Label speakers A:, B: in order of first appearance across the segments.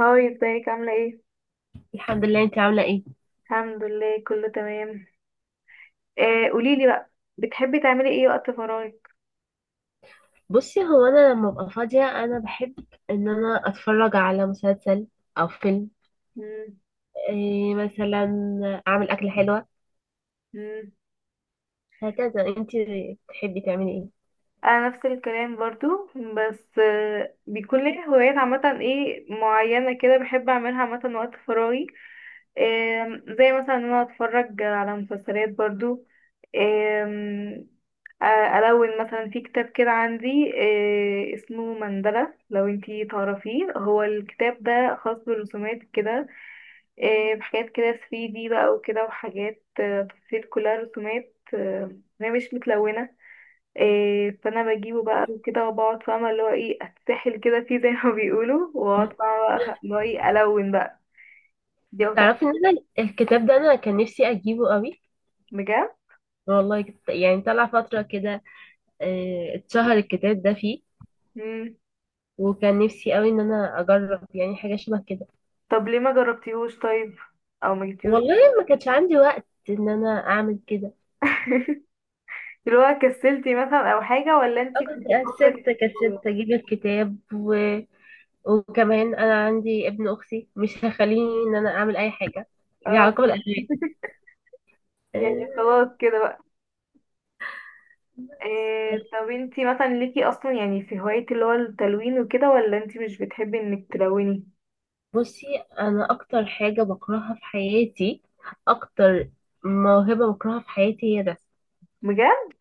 A: هاي ازيك عاملة ايه؟
B: الحمد لله. انت عامله ايه؟
A: الحمد لله كله تمام. قوليلي بقى. بتحبي تعملي ايه وقت فراغك؟
B: بصي، هو انا لما ابقى فاضيه انا بحب ان انا اتفرج على مسلسل او فيلم.
A: مم،
B: إيه مثلا، اعمل اكله حلوه.
A: مم.
B: هكذا. انت بتحبي تعملي ايه؟
A: انا نفس الكلام برضو. بس بيكون لي هوايات عامة ايه معينة كده بحب اعملها عامة وقت فراغي. زي مثلا ان انا اتفرج على مسلسلات برضو. آه الون مثلا في كتاب كده عندي. اسمه مندلة لو انتي تعرفيه. هو الكتاب ده خاص بالرسومات كده، بحاجات كده 3D بقى وكده وحاجات، تفاصيل كلها رسومات، هي مش متلونة، فأنا بجيبه بقى وكده وبقعد فاهمة اللي هو ايه أتسحل كده فيه زي ما بيقولوا وأقعد فاهمة بقى اللي هو ايه ألون بقى. دي أكتر
B: تعرفي
A: حاجة.
B: ان انا الكتاب ده انا كان نفسي اجيبه قوي.
A: بجد.
B: والله يعني طلع فتره كده، إيه، اتشهر الكتاب ده فيه.
A: مم.
B: وكان نفسي قوي ان انا اجرب يعني حاجه شبه كده.
A: طب ليه ما جربتيهوش طيب؟ أو ما جبتيهوش؟
B: والله ما كانش عندي وقت ان انا اعمل كده.
A: اللي هو كسلتي مثلا أو حاجة، ولا انتي كنتي
B: أول
A: الفترة
B: كسلت
A: دي؟
B: كسلت اجيب الكتاب وكمان انا عندي ابن اختي مش هخليني ان انا اعمل اي حاجه ليها
A: اه.
B: علاقه بالاغاني.
A: يعني
B: آه،
A: خلاص كده. إيه، طب انتي مثلا ليكي اصلا يعني في هواية اللي هو التلوين وكده، ولا انتي مش بتحبي انك تلوني؟
B: بصي، انا اكتر حاجه بكرهها في حياتي، اكتر موهبه بكرهها في حياتي هي ده.
A: بجد؟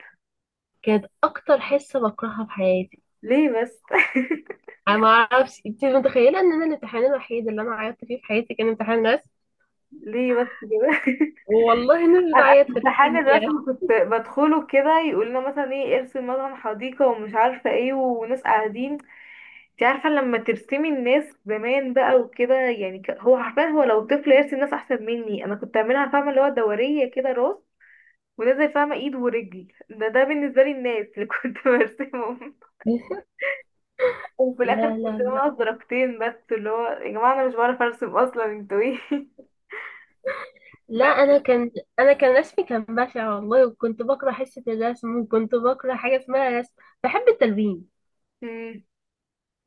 B: كانت اكتر حصه بكرهها في حياتي.
A: ليه بس؟
B: انا ما اعرفش، انت متخيله ان انا الامتحان الوحيد اللي انا عيطت فيه في حياتي كان امتحان رسم؟
A: ليه بس كده؟
B: والله الناس
A: انا
B: بتعيط في
A: امتحان
B: الكيمياء.
A: الرسم كنت بدخله كده، يقول لنا مثلا ايه ارسم مثلا حديقة ومش عارفة ايه، وناس قاعدين. انت عارفة لما ترسمي الناس زمان بقى وكده، يعني هو حرفيا، هو لو طفل يرسم ناس احسن مني. انا كنت اعملها فاهمة اللي هو دورية كده راس ونازل فاهمة ايد ورجل. ده بالنسبة لي الناس اللي كنت برسمهم. وفي الاخر
B: لا لا
A: كنت
B: لا
A: ناقص درجتين بس، اللي هو يا جماعه انا مش بعرف ارسم اصلا، انتوا ايه؟
B: لا،
A: بس.
B: انا كان رسمي كان بشع والله، وكنت بكره حصه الرسم، وكنت بكره حاجه اسمها رسم. بحب التلوين،
A: مم.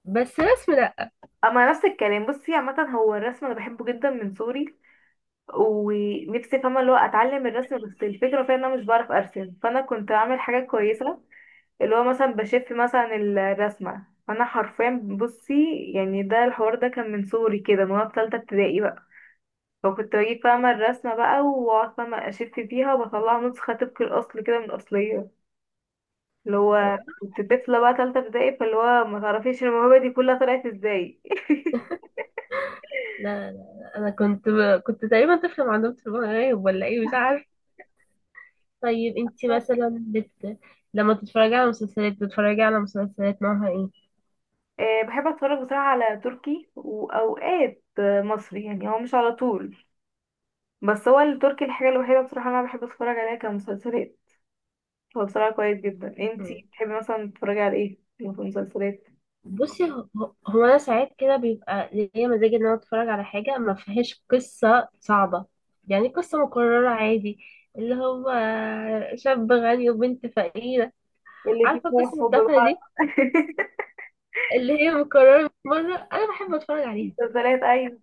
B: بس رسم لا.
A: اما نفس الكلام، بصي عامه هو الرسم انا بحبه جدا من صغري. ونفسي فاهمه اللي هو اتعلم الرسم، بس الفكره فيها ان انا مش بعرف ارسم، فانا كنت اعمل حاجه كويسه، اللي هو مثلا بشف مثلا الرسمه، فانا حرفيا بصي يعني، ده الحوار ده كان من صغري كده، من وانا في تالتة ابتدائي بقى. فكنت بجيب فاهمه الرسمه بقى، واقعد فاهمه اشف فيها، وبطلع نسخه طبق الاصل كده من الاصليه. اللي هو كنت طفلة بقى تالتة ابتدائي، فاللي هو ما تعرفيش الموهبة دي كلها طلعت ازاي.
B: لا. انا كنت تقريبا طفله، ما عندهم تليفون غايب ولا ايه مش عارف. طيب، انت لما تتفرجي على مسلسلات، بتتفرجي على مسلسلات نوعها ايه؟
A: أه بحب اتفرج بصراحة على تركي، واوقات مصري، يعني هو مش على طول. بس هو التركي الحاجة الوحيدة بصراحة اللي انا بحب اتفرج عليها كمسلسلات. هو بصراحة كويس جدا. انتي بتحبي مثلا تتفرجي على ايه في المسلسلات؟
B: بصي، هو انا ساعات كده بيبقى ليا مزاج ان انا اتفرج على حاجه ما فيهاش قصه صعبه. يعني قصه مكرره عادي، اللي هو شاب غني وبنت فقيره.
A: اللي فيه
B: عارفه
A: شوية
B: قصص
A: حب
B: التافهه
A: بقى.
B: دي اللي هي مكرره؟ مره انا بحب اتفرج عليها.
A: مسلسلات، ايوه.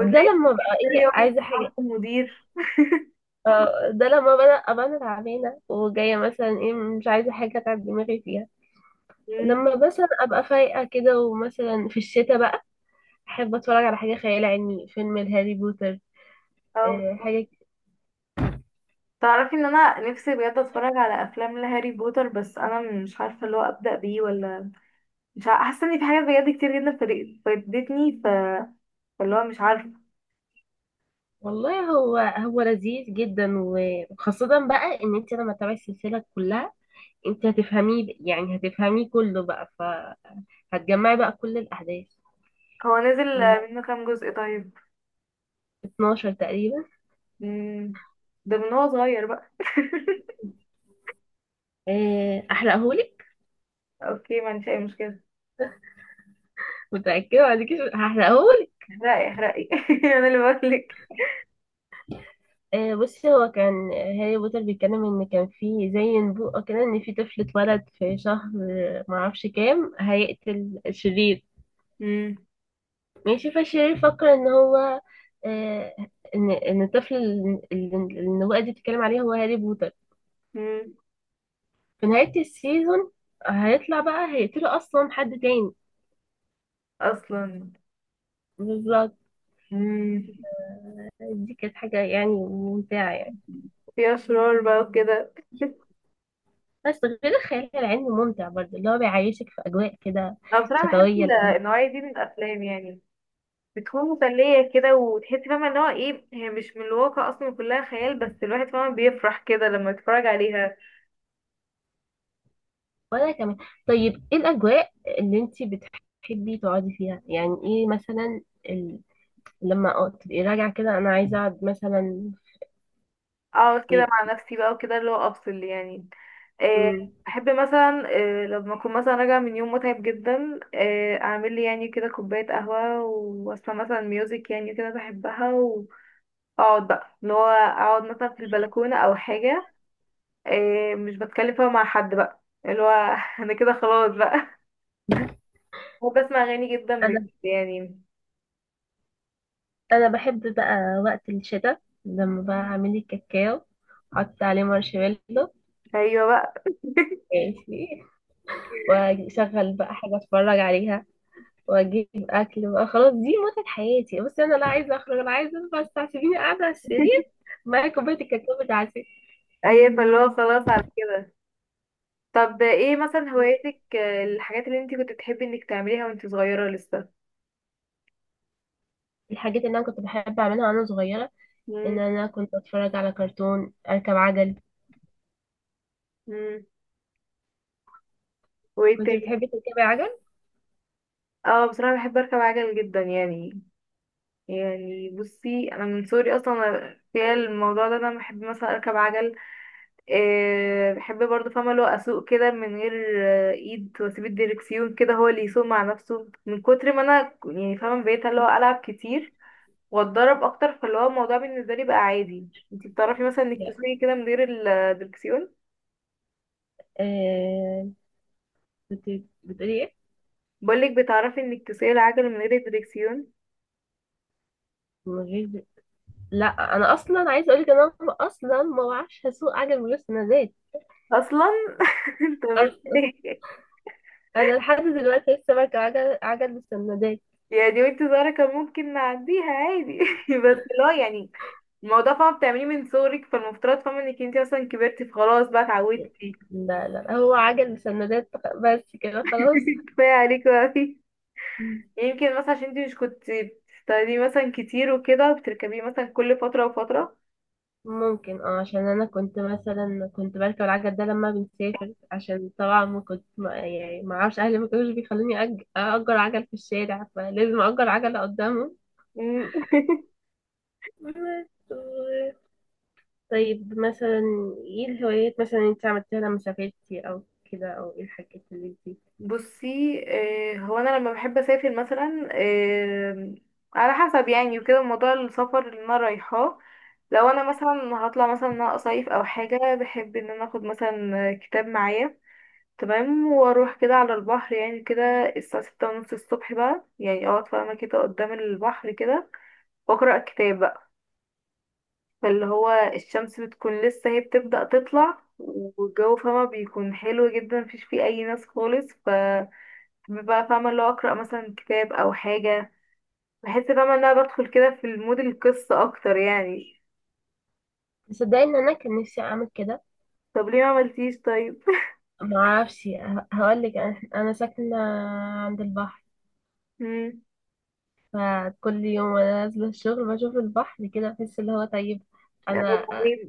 B: ده لما بقى
A: في
B: ايه،
A: يوم
B: عايزه حاجه،
A: المدير.
B: ده لما بقى ابقى انا تعبانه وجايه مثلا ايه، مش عايزه حاجه اتعب دماغي فيها.
A: مم.
B: لما مثلا ابقى فايقه كده ومثلا في الشتاء بقى، احب اتفرج على حاجه خيال علمي، فيلم الهاري بوتر
A: اه،
B: حاجة.
A: تعرفي ان انا نفسي بجد اتفرج على افلام لهاري بوتر، بس انا مش عارفه اللي هو ابدا بيه ولا. مش عارفه، حاسه ان في حاجات بجد كتير جدا فاتتني فاللي هو مش عارفه.
B: والله هو لذيذ جدا وخاصة بقى ان انت لما تتابعي السلسلة كلها، انت هتفهميه، يعني هتفهميه كله بقى، فهتجمعي بقى كل الاحداث.
A: هو نزل
B: و
A: منه كام جزء طيب؟
B: 12 تقريبا.
A: مم. ده من هو صغير بقى.
B: احرقهولك؟
A: اوكي، ما عنديش اي مشكله.
B: متأكدة؟ بعد كده هحرقهولك.
A: احرقي احرقي انا اللي بقولك.
B: بصي، هو كان هاري بوتر بيتكلم ان كان في زي نبوءة كده، ان في طفل اتولد في شهر معرفش كام، هيقتل الشرير.
A: مم.
B: ماشي، فالشرير يفكر ان هو آه، ان الطفل اللي النبوءة دي بتتكلم عليه هو هاري بوتر.
A: مم.
B: في نهاية السيزون هيطلع بقى هيقتله اصلا حد تاني.
A: اصلا.
B: بالظبط.
A: مم.
B: دي كانت حاجة يعني ممتعة يعني.
A: في اشرار بقى وكده.
B: بس غير الخيال العلمي ممتع برضه، اللي هو بيعيشك في اجواء كده
A: انا بصراحه بحب
B: شتوية لذيذة.
A: النوعيه دي من الافلام، يعني بتكون مسلية كده، وتحس فاهمة ان هو ايه، هي مش من الواقع اصلا، كلها خيال، بس الواحد فاهمة بيفرح كده لما يتفرج عليها.
B: وانا كمان. طيب ايه الاجواء اللي انتي بتحبي تقعدي فيها، يعني ايه مثلا ال... تبقي راجعة كده انا عايزة اقعد مثلا
A: اقعد كده
B: في.
A: مع نفسي بقى وكده، اللي هو افصل يعني. آه.
B: مم.
A: احب مثلا، لما اكون مثلا راجعة من يوم متعب جدا، اعمل لي يعني كده كوباية قهوة، واسمع مثلا ميوزك، يعني كده بحبها. واقعد بقى، اللي هو اقعد مثلا في البلكونة او حاجة، مش بتكلم فيها مع حد بقى، اللي هو انا كده خلاص بقى. وبسمع اغاني جدا بجد يعني.
B: انا بحب بقى وقت الشتاء لما بقى اعمل لي كاكاو، احط عليه مارشميلو،
A: ايوه بقى.
B: ماشي، واشغل بقى حاجه اتفرج عليها، واجيب اكل بقى، خلاص دي متعه حياتي. بس انا لا عايزه اخرج، انا عايزه بس سيبيني قاعده على السرير معايا كوبايه الكاكاو بتاعتي.
A: اي فاللي هو خلاص على كده. طب ايه مثلا هواياتك، الحاجات اللي انت كنت بتحبي انك تعمليها وانت صغيرة لسه؟
B: الحاجات اللي انا كنت بحب اعملها وانا صغيره ان
A: مم.
B: انا كنت اتفرج على كرتون، اركب عجل.
A: مم. وايه
B: كنت
A: تاني؟
B: بتحبي تركبي عجل؟
A: اه بصراحة بحب اركب عجل جدا يعني. يعني بصي انا من صغري اصلا في الموضوع ده انا بحب مثلا اركب عجل. بحب برضه فاهمة اللي هو اسوق كده من غير، ايد، واسيب الديركسيون كده هو اللي يسوق مع نفسه، من كتر ما انا يعني فاهمة بقيت اللي هو العب كتير واتدرب اكتر، فاللي هو الموضوع بالنسبه لي بقى عادي. انتي بتعرفي مثلا انك
B: لا.
A: تسوقي كده من غير الدركسيون؟
B: آه، كنت بتقولي ايه؟
A: بقولك، بتعرفي انك تسوقي العجل من غير الدركسيون؟
B: من غير؟ لا انا اصلا عايزه اقول لك، انا اصلا ما بعرفش اسوق عجل ولا سندات
A: اصلا؟ انت
B: اصلا.
A: ازاي؟
B: انا لحد دلوقتي لسه بركب عجل بسندات.
A: يعني وانت صغيره كان ممكن نعديها عادي بس لا، يعني الموضوع فاهمه بتعمليه من صغرك، فالمفترض فاهمه انك انت مثلا كبرتي فخلاص بقى اتعودتي.
B: لا لا، هو عجل بسندات، بس كده خلاص.
A: كفايه عليكي بقى.
B: مم.
A: يمكن مثلا عشان انت مش كنت بتستخدميه مثلا كتير وكده، وبتركبيه مثلا كل فتره وفتره.
B: ممكن، اه، عشان انا كنت مثلا كنت بركب العجل ده لما بنسافر، عشان طبعا ما كنت، ما يعني، ما اعرفش، اهلي ما كانوش بيخلوني اجر عجل في الشارع، فلازم اجر عجله قدامهم. بس. طيب مثلا، ايه الهوايات مثلا انت عملتيها لما سافرتي او كده، او ايه الحاجات اللي انت؟
A: بصي، هو انا لما بحب اسافر مثلا، على حسب يعني، وكده موضوع السفر اللي انا رايحاه. لو انا مثلا هطلع مثلا ان انا اصيف او حاجه، بحب ان انا اخد مثلا كتاب معايا، تمام، واروح كده على البحر يعني كده، الساعه 6:30 الصبح بقى، يعني اقعد فاهمه كده قدام البحر كده، واقرا كتاب بقى. فاللي هو الشمس بتكون لسه هي بتبدا تطلع، والجو فاهمه بيكون حلو جدا، مفيش فيه اي ناس خالص، ف بحب بقى فاهمة اللي هو أقرأ مثلا كتاب أو حاجة. بحس فاهمة إن أنا بدخل كده في المود القصة أكتر يعني.
B: تصدقي ان انا كان نفسي اعمل كده؟
A: طب ليه ما عملتيش طيب؟
B: ما اعرفش. هقول لك، انا ساكنه عند البحر،
A: مم.
B: فكل يوم وانا نازله الشغل بشوف البحر كده، بحس اللي هو طيب.
A: لا لو
B: انا
A: بعدين.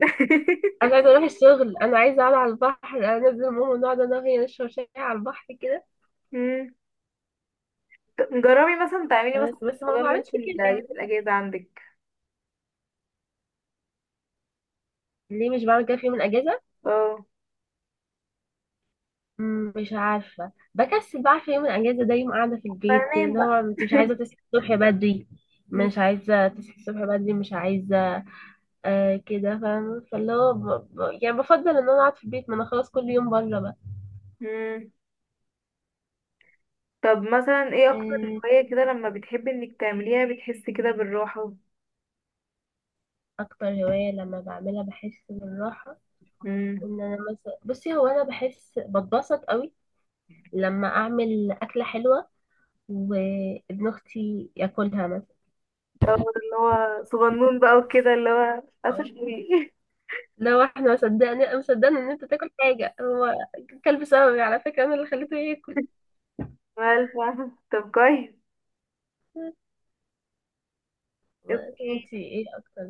B: انا عايزه اروح الشغل، انا عايزه اقعد على البحر. انا نازله ماما، نقعد انا وهي نشرب شاي على البحر كده.
A: مم. طب جربي مثلا تعملي مثلا
B: بس ما
A: الموضوع ده
B: بعملش
A: في
B: كده
A: يوم
B: يعني.
A: الأجازة عندك.
B: ليه مش بعمل كده في يوم الاجازه؟
A: اه.
B: مش عارفة بكسل بقى. في يوم الأجازة ده يوم قاعدة في البيت كده،
A: فنام
B: اللي
A: بقى.
B: هو انت مش عايزة تصحي الصبح بدري،
A: مم.
B: مش عايزة تصحي الصبح بدري، مش عايزة. آه، كده فاهمة، فاللي هو يعني بفضل إن أنا أقعد في البيت، ما أنا خلاص كل يوم بره بقى.
A: مم. طب مثلا ايه أكتر
B: آه،
A: هواية كده لما بتحبي إنك تعمليها بتحسي كده بالراحة؟
B: أكتر هواية لما بعملها بحس بالراحة،
A: مم.
B: إن أنا مثلا، بصي، هو أنا بحس بتبسط قوي لما أعمل أكلة حلوة وابن أختي ياكلها مثلا.
A: أو اللي هو صغنون بقى وكده، اللي هو أسف.
B: آه. لا واحد ما صدقني انا، مصدقني ان انت تاكل حاجه، هو كلب، سببي على فكره انا اللي خليته ياكل.
A: مالفة، طب كويس.
B: انت
A: اوكي.
B: ايه اكتر،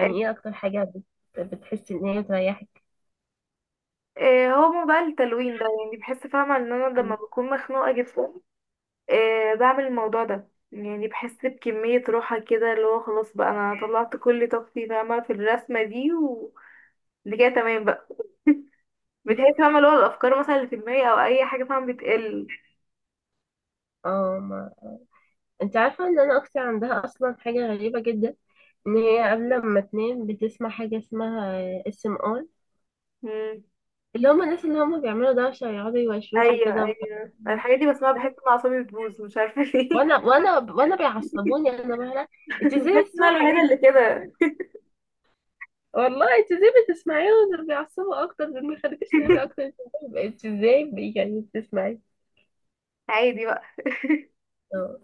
A: آه،
B: ايه اكتر حاجه بتحسي ان هي بتريحك؟
A: هو موضوع التلوين ده، يعني بحس فاهمة ان انا لما بكون مخنوقة جدا، بعمل الموضوع ده، يعني بحس بكمية راحة كده، اللي هو خلاص بقى انا طلعت كل طاقتي فاهمة في الرسمة دي، وده كده تمام بقى. بتحس فاهمة اللي هو الافكار مثلا اللي في دماغي او اي حاجة فاهمة بتقل.
B: اه، ما انت عارفه ان انا اختي عندها اصلا حاجه غريبه جدا، ان هي قبل ما تنام بتسمع حاجه اسمها اس ام ار؟
A: مم.
B: اللي هم الناس اللي هم بيعملوا دوشه، يقعدوا يوشوشوا
A: ايوه
B: كده،
A: ايوه، الحاجات دي بسمعها بحس ان اعصابي بتبوظ، مش عارفة ليه.
B: وانا بيعصبوني انا بقى. انت ازاي
A: بحس ان انا
B: بتسمعي
A: الوحيدة
B: الحاجات؟
A: اللي كده.
B: والله انت ازاي بتسمعيهم؟ دول بيعصبوا اكتر، دول بيخليكيش تنامي اكتر. انت ازاي، انت ازاي يعني بتسمعي؟
A: عادي بقى.
B: اه.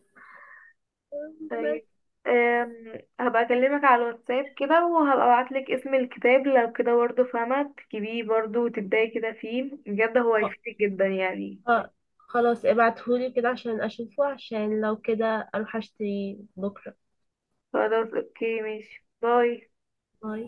B: بس.
A: طيب. هبقى اكلمك على الواتساب كده، وهبقى ابعتلك اسم الكتاب، لو كده برضه فاهمة تجيبيه برضه وتبداي كده فيه، بجد هو
B: اه،
A: هيفيدك جدا يعني.
B: اه، خلاص ابعتهولي كده عشان اشوفه، عشان لو كده اروح اشتري بكره.
A: خلاص، اوكي، ماشي، باي.
B: باي.